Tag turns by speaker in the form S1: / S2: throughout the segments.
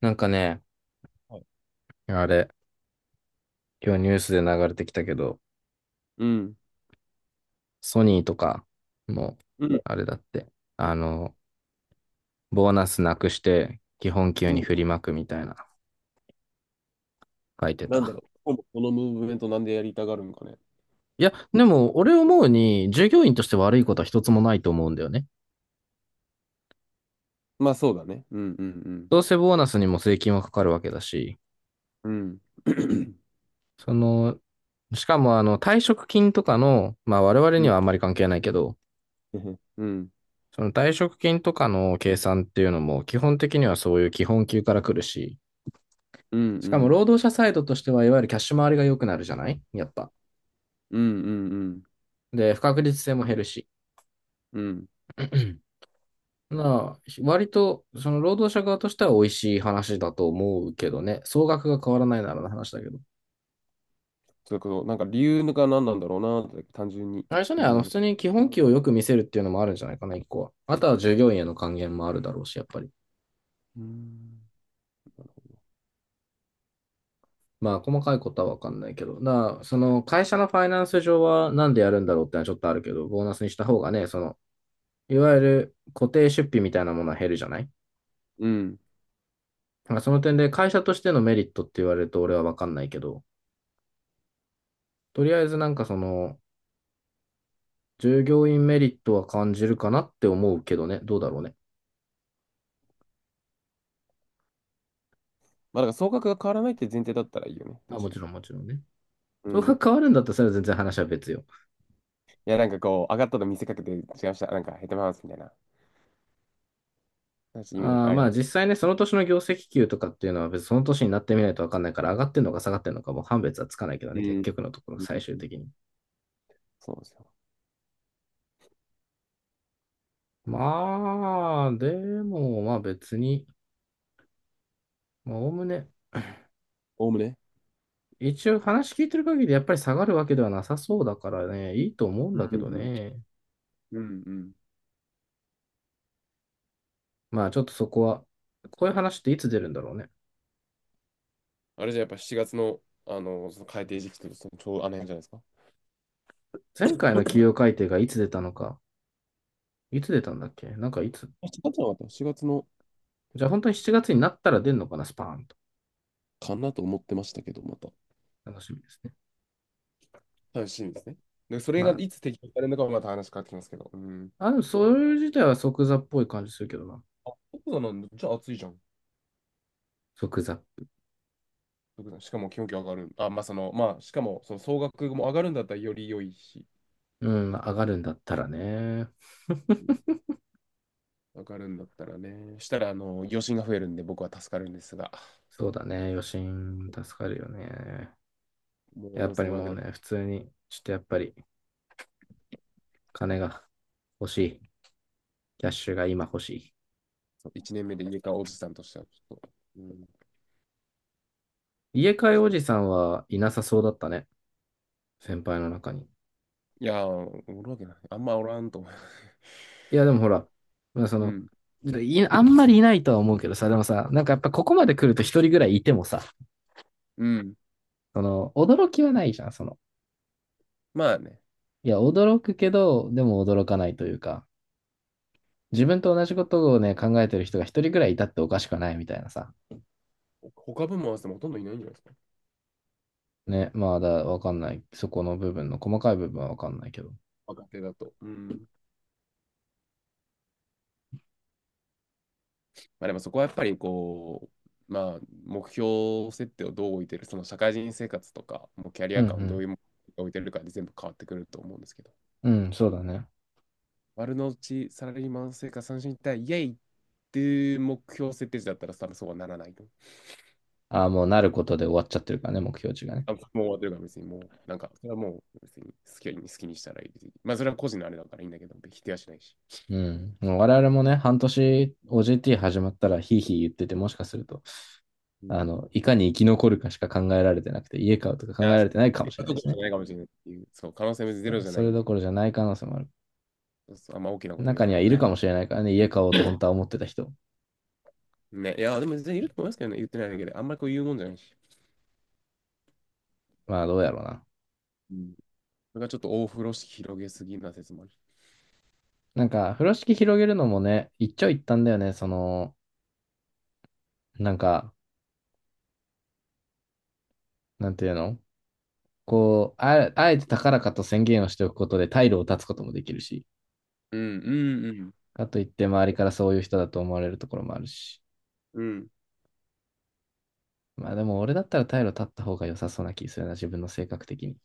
S1: なんかね、あれ、今日ニュースで流れてきたけど、
S2: うん。
S1: ソニーとかも、
S2: うん。
S1: あれだって、あの、ボーナスなくして基本給
S2: う
S1: に
S2: ん。
S1: 振りまくみたいな書いて
S2: なんだ
S1: た。
S2: ろう。このムーブメントなんでやりたがるんかね。
S1: いや、でも俺思うに、従業員として悪いことは一つもないと思うんだよね。
S2: まあそうだね。うんうん
S1: どうせボーナスにも税金はかかるわけだし、
S2: うん。うん。
S1: その、しかもあの退職金とかの、まあ我々
S2: う
S1: に
S2: ん。
S1: はあんまり関係ないけど、
S2: うんうん
S1: その退職金とかの計算っていうのも基本的にはそういう基本給から来るし、
S2: う
S1: しかも
S2: ん
S1: 労働者サイドとしては、いわゆるキャッシュ回りが良くなるじゃないやっぱ。
S2: うんうんうん。
S1: で、不確実性も減るし。
S2: うん、
S1: なあ、割と、その労働者側としては美味しい話だと思うけどね。総額が変わらないならの話だけど。
S2: それこそ、なんか理由が何なんだろうなって単純に
S1: 最初
S2: 気
S1: ね、
S2: にな
S1: 普
S2: る。
S1: 通に基本給をよく見せるっていうのもあるんじゃないかな、一個は。あとは従業員への還元もあるだろうし、やっぱり。
S2: うん。
S1: まあ、細かいことはわかんないけど。だから、その会社のファイナンス上はなんでやるんだろうってのはちょっとあるけど、ボーナスにした方がね、その、いわゆる固定出費みたいなものは減るじゃない。
S2: うん。
S1: まあ、その点で会社としてのメリットって言われると俺は分かんないけど、とりあえずなんかその、従業員メリットは感じるかなって思うけどね、どうだろうね。
S2: まあだから総額が変わらないって前提だったらいいよね。
S1: まあ、
S2: 確か
S1: もち
S2: に。
S1: ろんもちろんね。
S2: う
S1: そこ
S2: ん。
S1: が変わるんだったらそれは全然話は別よ。
S2: いやなんかこう、上がったと見せかけて違いました。なんか減ってますみたいな。私、イメ
S1: あー
S2: あれ
S1: まあ
S2: やけ
S1: 実
S2: ど。
S1: 際ね、その年の業績給とかっていうのは別にその年になってみないと分かんないから、上がってんのか下がってんのかもう判別はつかないけど
S2: う
S1: ね、
S2: ん。
S1: 結局のところ
S2: うんう
S1: 最
S2: ん
S1: 終
S2: うん、
S1: 的に。
S2: そうですよ。
S1: まあ、でもまあ別に、まあおおむね、
S2: おおむね。
S1: 一応話聞いてる限りやっぱり下がるわけではなさそうだからね、いいと思うん
S2: うん
S1: だけど
S2: うん
S1: ね。
S2: うんうんうん、
S1: まあちょっとそこは、こういう話っていつ出るんだろうね。
S2: あれじゃやっぱ7月の、その改定時期とそのちょうどあの辺じゃないですか。
S1: 前回の企 業改定がいつ出たのか、いつ出たんだっけなんかいつ。
S2: 7月はまた4月の
S1: じゃあ本当に7月になったら出るのかな、スパーンと。
S2: かなと思ってましたけど、また。
S1: 楽しみですね。
S2: 楽しみですね。で、それがい
S1: ま
S2: つ適用されるのかはまた話変わってきますけど。うん。
S1: あ、そういう自体は即座っぽい感じするけどな。
S2: あ、そうなんだ。じゃあ暑いじゃん。
S1: 即座。
S2: しかも気温気上がる。あ、まあしかもその総額も上がるんだったらより良いし、
S1: うん、まあ上がるんだったらね。
S2: 上がるんだったらね。したら、余震が増えるんで僕は助かるんですが、
S1: そうだね、余震助かるよね。
S2: もう
S1: やっぱり
S2: 4500
S1: もう
S2: 円、
S1: ね、普通に、ちょっとやっぱり金が欲しい。キャッシュが今欲しい。
S2: 1年目で家買うおじさんとしてはちょっと、うん、ちょっ
S1: 家買いお
S2: と
S1: じさんはいなさそうだったね。先輩の中に。
S2: いやー、おるわけない。あんまおらんと思う。
S1: いや、でもほら、まあそ
S2: う
S1: の、
S2: ん。
S1: いあんまりいないとは思うけどさ、でもさ、なんかやっぱここまで来ると一人ぐらいいてもさ、
S2: うん。
S1: その、驚きはないじゃん、その。
S2: まあね。
S1: いや、驚くけど、でも驚かないというか、自分と同じこ
S2: ほ
S1: とをね、考えてる人が一人ぐらいいたっておかしくはないみたいなさ。
S2: 他部門合わせてもほとんどいないんじゃないですか。
S1: ね、まあだ、わかんない。そこの部分の細かい部分はわかんないけど。
S2: 若手だと。うん。まあでもそこはやっぱりまあ目標設定をどう置いてる、その社会人生活とか、もうキャリ
S1: うん
S2: ア感をど
S1: う
S2: ういうものに置いてるかで全部変わってくると思うんですけど。
S1: ん。うん、そうだね。
S2: 丸の内サラリーマン生活三振一体イエイっていう目標設定時だったら多分そうはならないと。
S1: ああ、もうなることで終わっちゃってるからね、目標値がね。
S2: あ、もう終わってるから別にもう、なんか、それはもう別に好きにしたらいいです。別にまあ、それは個人のあれだからいいんだけど、否定はしないし。
S1: うん。もう我々もね、半年 OJT 始まったらヒーヒー言ってて、もしかすると、
S2: うん、い
S1: いかに生き残るかしか考えられてなくて、家買うとか考え
S2: や、
S1: ら
S2: そ
S1: れ
S2: う
S1: て
S2: そ
S1: な
S2: う、そ
S1: いか
S2: う
S1: も
S2: いう
S1: しれない
S2: と
S1: で
S2: ころ
S1: すね。
S2: じゃないかもしれないっていう、そう、可能性はゼロ
S1: そ
S2: じゃ
S1: そ
S2: ない
S1: れ
S2: ん
S1: ど
S2: で、
S1: ころじゃない可能性もある。
S2: そうそう、あんま大きなこと言
S1: 中
S2: わ
S1: に
S2: ない
S1: はい
S2: で
S1: るか
S2: ね。
S1: もしれないからね、家買おうと本当は思ってた人。
S2: ね、いや、でも全然いると思いますけどね、言ってないだけで、あんまりこう言うもんじゃないし。
S1: まあどうやろうな。
S2: うん、それがちょっと大風呂敷広げすぎな説もあるし。
S1: なんか、風呂敷広げるのもね、一長一短だよね。その、なんか、なんていうの、こう、あ、あえて高らかと宣言をしておくことで退路を断つこともできるし、
S2: うん、うん、うん、
S1: かといって周りからそういう人だと思われるところもあるし。
S2: うん。
S1: まあでも俺だったら退路立った方が良さそうな気するな、自分の性格的に。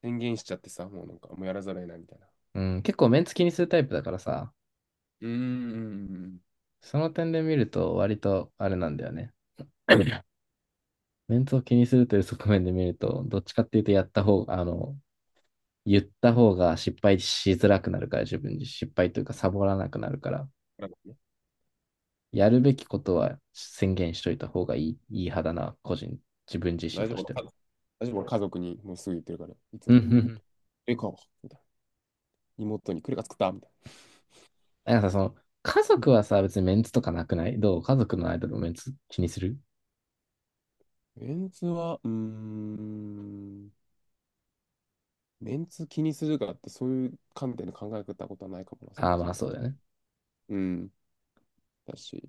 S2: 宣言しちゃってさ、もうなんか、もうやらざるを得ないみたいな。
S1: うん、結構メンツ気にするタイプだからさ、
S2: うん、うん、うんうん。
S1: その点で見ると割とあれなんだよね。メンツを気にするという側面で見ると、どっちかっていうとやった方、言った方が失敗しづらくなるから、自分に失敗というかサボらなくなるから、
S2: だからね、
S1: やるべきことは宣言しといた方がいい、いい派だな、個人、自分自
S2: 大
S1: 身
S2: 丈
S1: と
S2: 夫、
S1: し
S2: 俺
S1: ては。
S2: 家族大丈夫、俺家族にもうすぐ言ってるから、いつ
S1: うんうん
S2: も。
S1: うん。
S2: え、か、みたいな。妹に、クレが作ったみたい
S1: なんかさ、その、家
S2: な。
S1: 族はさ、別にメンツとかなくないどう家族の間のメンツ気にする。
S2: メンツは、メンツ気にするかってそういう観点で考えたことはないかもな、そ
S1: ああ、
S2: もそ
S1: まあ
S2: も。
S1: そうだよね。
S2: うん、だし。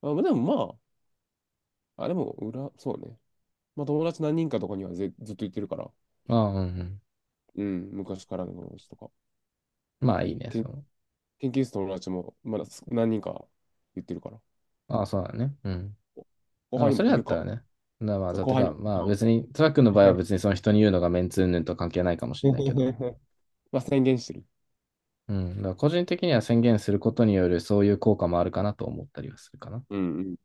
S2: まあ、まあでもまあ、あれも裏、そうね。まあ友達何人かとかにはずっと言ってるから、
S1: ああ、うんうん。
S2: うん、昔からの友達とか。
S1: まあいいね、
S2: けん
S1: その。
S2: 研究室の友達もまだ何人か言ってるから。
S1: ああ、そうだね。うん。
S2: お後
S1: ま
S2: 輩
S1: あ
S2: に
S1: そ
S2: も
S1: れや
S2: 言う
S1: っ
S2: か。
S1: たらね。なまあ、
S2: そう、
S1: だっ
S2: 後
S1: て
S2: 輩に
S1: か、
S2: も言
S1: まあ
S2: うか。
S1: 別に、トラックの場合は別にその人に言うのがメンツ云々とは関係ないかもしれないけど。
S2: まあ宣言してる。
S1: うん。だから個人的には宣言することによるそういう効果もあるかなと思ったりはするかな。
S2: うんうん。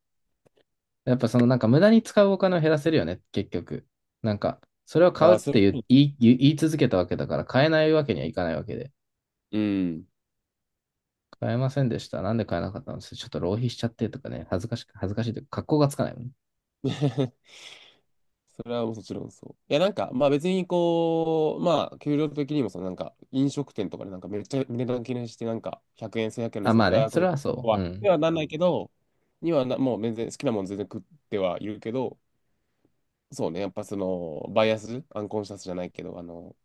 S1: やっぱそのなんか無駄に使うお金を減らせるよね、結局。なんか、それを買
S2: あ
S1: うっ
S2: あ、そ
S1: て
S2: れ。
S1: 言い続けたわけだから買えないわけにはいかないわけで。
S2: うん。
S1: 買えませんでした。なんで買えなかったんですちょっと浪費しちゃってとかね、恥ずかしいというか、格好がつかないもんね。
S2: それはもちろんそう。いや、なんか、まあ別にこう、まあ、給料的にもさ、なんか、飲食店とかでなんかめっちゃ値段気にして、なんか、100円、1100円の
S1: あ、
S2: さ、
S1: まあね、
S2: ああ、こ
S1: それ
S2: れ
S1: はそう。う
S2: は、に
S1: ん。
S2: はなんないけど、にはな、もう全然、好きなもん全然食ってはいるけど、そうね、やっぱその、バイアス、アンコンシャスじゃないけど、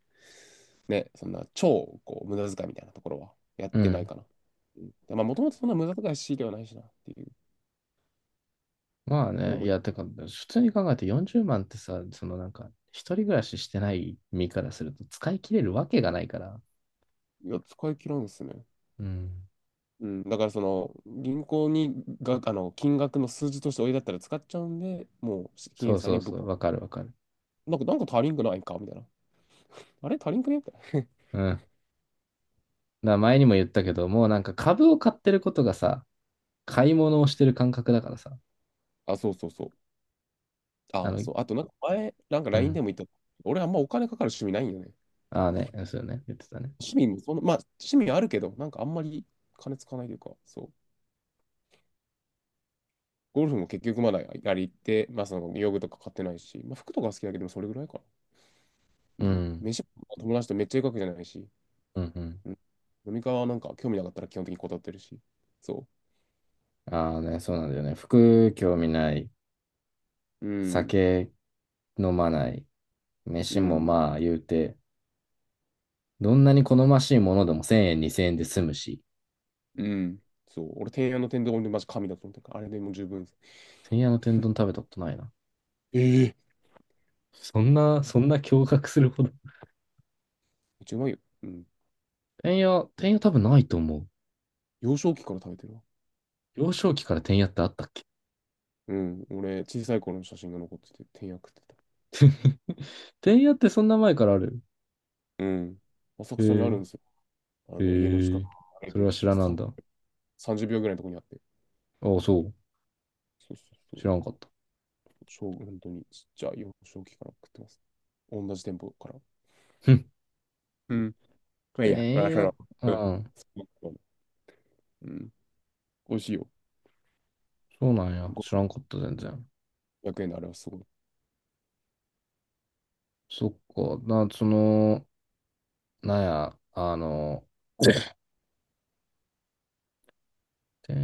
S2: ね、そんな、超、こう、無駄遣いみたいなところは、やっ
S1: う
S2: てない
S1: ん。
S2: かな。うん、まあ、もともとそんな無駄遣いしではないしな、っていう、っ
S1: まあ
S2: て
S1: ね、
S2: 思
S1: い
S2: い、
S1: や、てか、普通に考えて40万ってさ、そのなんか、一人暮らししてない身からすると使い切れるわけがないから。
S2: いや、使い切らんですね。
S1: うん。
S2: うん、だからその銀行にがあの金額の数字としておいだったら使っちゃうんで、もう金
S1: そ
S2: 融
S1: う
S2: さん
S1: そ
S2: に
S1: う
S2: ぶっ
S1: そう、
S2: こ、
S1: わかるわかる。
S2: なんか、なんか足りんくないかみたいな。あれ足りんくねみたい
S1: うん。だから前にも言ったけど、もうなんか株を買ってることがさ、買い物をしてる感覚だからさ。
S2: な。あ、そうそうそう。
S1: あ
S2: ああ、
S1: の、
S2: そう。あとなんか前、なんか
S1: う
S2: LINE
S1: ん。
S2: でも言った。俺あんまお金かかる趣味ないんよね。
S1: ああね、そうよね、言ってたね。
S2: 趣味もその、まあ趣味あるけど、なんかあんまり金使わないというか、そう。ゴルフも結局まだやり行って、まあその用具とか買ってないし、まあ服とか好きだけど、でもそれぐらいかな。う
S1: う
S2: ん。
S1: ん。
S2: 飯も友達とめっちゃ行くわけじゃないし、
S1: うんうん。
S2: うん、飲み会はなんか興味なかったら基本的に断ってるし。そ
S1: ああね、そうなんだよね。服興味ない、
S2: う。うん。
S1: 酒飲まない、
S2: う
S1: 飯も
S2: ん。
S1: まあ言うて、どんなに好ましいものでも1000円、2000円で済むし、
S2: うん。そう。俺、天安の天丼でマジ神だと思ってるから、あれでもう十分です。
S1: てんやの天丼食べたことないな。
S2: ええ、
S1: そんな、そんな驚愕するほど。
S2: めっちゃうまいよ。うん。
S1: 天て天や多分ないと思う。
S2: 幼少期から食べてるわ。
S1: 幼少期から天やってあったっけ。
S2: うん。俺、小さい頃の写真が残ってて、天安食ってた。
S1: 天 やってそんな前からある。
S2: うん。浅
S1: へ
S2: 草にある
S1: え、
S2: んですよ。あの、家の
S1: へ
S2: 近く
S1: え、そ
S2: 歩
S1: れ
S2: い
S1: は
S2: て
S1: 知らなん
S2: さ
S1: だ。
S2: 30秒ぐらいのところにあって。
S1: ああ、そう。
S2: そうそうそ
S1: 知
S2: う。
S1: らんかった。
S2: 本当にちっちゃい幼少期から食ってます。同じ店舗から。
S1: ふん。
S2: うん。まあいいや、ま
S1: 天
S2: あ、そ
S1: 屋、
S2: の、
S1: うん、
S2: うん。うん、美味しいよ。
S1: そうなんや。知らんかった、全然。
S2: 500円のあれはすごい。
S1: そっか、な、その、なんや、で、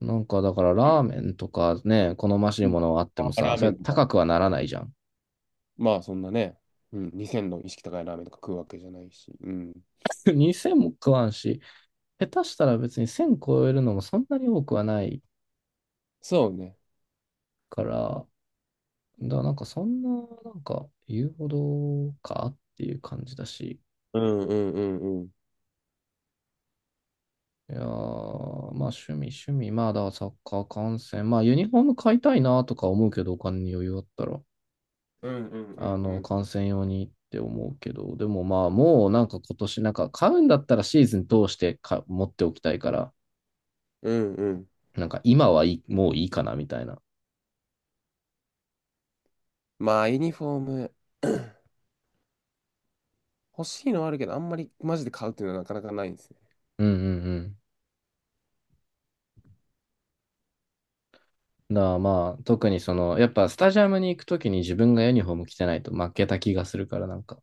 S1: なんかだからラーメンとかね、好ましい
S2: うん、
S1: ものはあって
S2: ま
S1: も
S2: あ
S1: さ、
S2: ラー
S1: そ
S2: メ
S1: れ
S2: ンとか。
S1: 高くはならないじゃん。
S2: まあ、そんなね、うん、2000の意識高いラーメンとか食うわけじゃないし。うん。
S1: 2000も食わんし、下手したら別に1000超えるのもそんなに多くはない
S2: そうね。
S1: から、だからなんかそんな、なんか言うほどかっていう感じだし、
S2: うんうんうんうん。
S1: いやー、まあ趣味趣味、まあだからサッカー観戦、まあユニフォーム買いたいなとか思うけど、お金に余裕あったら。
S2: うんうんうんうん。
S1: 観戦用にって思うけど、でもまあ、もうなんか今年、なんか買うんだったらシーズン通してか持っておきたいから、
S2: うんうん。
S1: なんか今はいい、もういいかなみたいな。
S2: まあ、ユニフォーム、欲しいのはあるけど、あんまりマジで買うっていうのはなかなかないんですね。
S1: うんうんうん。だからまあ、特にその、やっぱスタジアムに行くときに自分がユニフォーム着てないと負けた気がするから、なんか、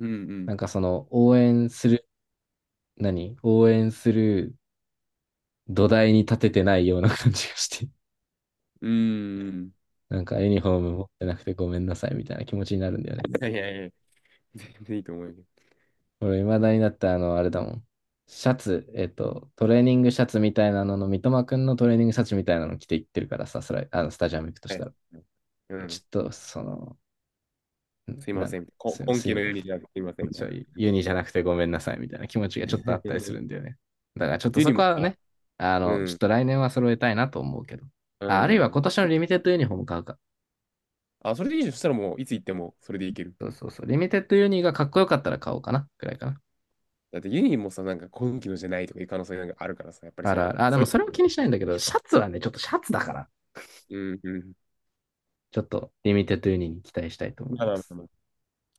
S2: うんうん。
S1: なんかその、応援する、何応援する土台に立ててないような感じがして、
S2: うんうん。
S1: なんかユニフォーム持ってなくてごめんなさいみたいな気持ちになるんだ
S2: い
S1: よね。
S2: やいやいや、全然いいと思うよ。
S1: 俺、未だになって、あれだもん。シャツ、トレーニングシャツみたいなのの、三笘くんのトレーニングシャツみたいなの着ていってるからさ、それ、スタジアム行くとし
S2: はい、
S1: たら。
S2: う
S1: ちょ
S2: ん。
S1: っと、その、
S2: すいま
S1: なん、
S2: せん。
S1: すいま
S2: 今
S1: せん、
S2: 期
S1: す
S2: の
S1: いま
S2: ユニ
S1: せ
S2: じゃなくてすいません、
S1: ん。
S2: みたい
S1: ちょ
S2: な。
S1: ユニじゃなくてごめんなさいみたいな気持ちがちょっとあったりする んだよね。だからちょっと
S2: ユニ
S1: そ
S2: も
S1: こは
S2: さ、
S1: ね、
S2: う
S1: ちょっ
S2: ん。
S1: と来年は揃えたいなと思うけど。
S2: う
S1: あ、あるいは
S2: ん。
S1: 今年のリミテッドユニフォーム買うか。
S2: あ、それでいいじゃん。そしたらもう、いつ行っても、それで行ける。
S1: そうそうそう。リミテッドユニがかっこよかったら買おうかな、くらいかな。
S2: だって家にもさ、なんか今期のじゃないとかいう可能性なんかあるからさ、やっぱり
S1: あ
S2: そ
S1: ら
S2: の、
S1: あら、あ、で
S2: そう
S1: も
S2: い
S1: それも気にしないんだけど、シャツはね、ちょっとシャツだから。
S2: う、うん、うん。
S1: ちょっとリミテッドユニに期待したいと思い
S2: まあま
S1: ま
S2: あま
S1: す。
S2: あまあ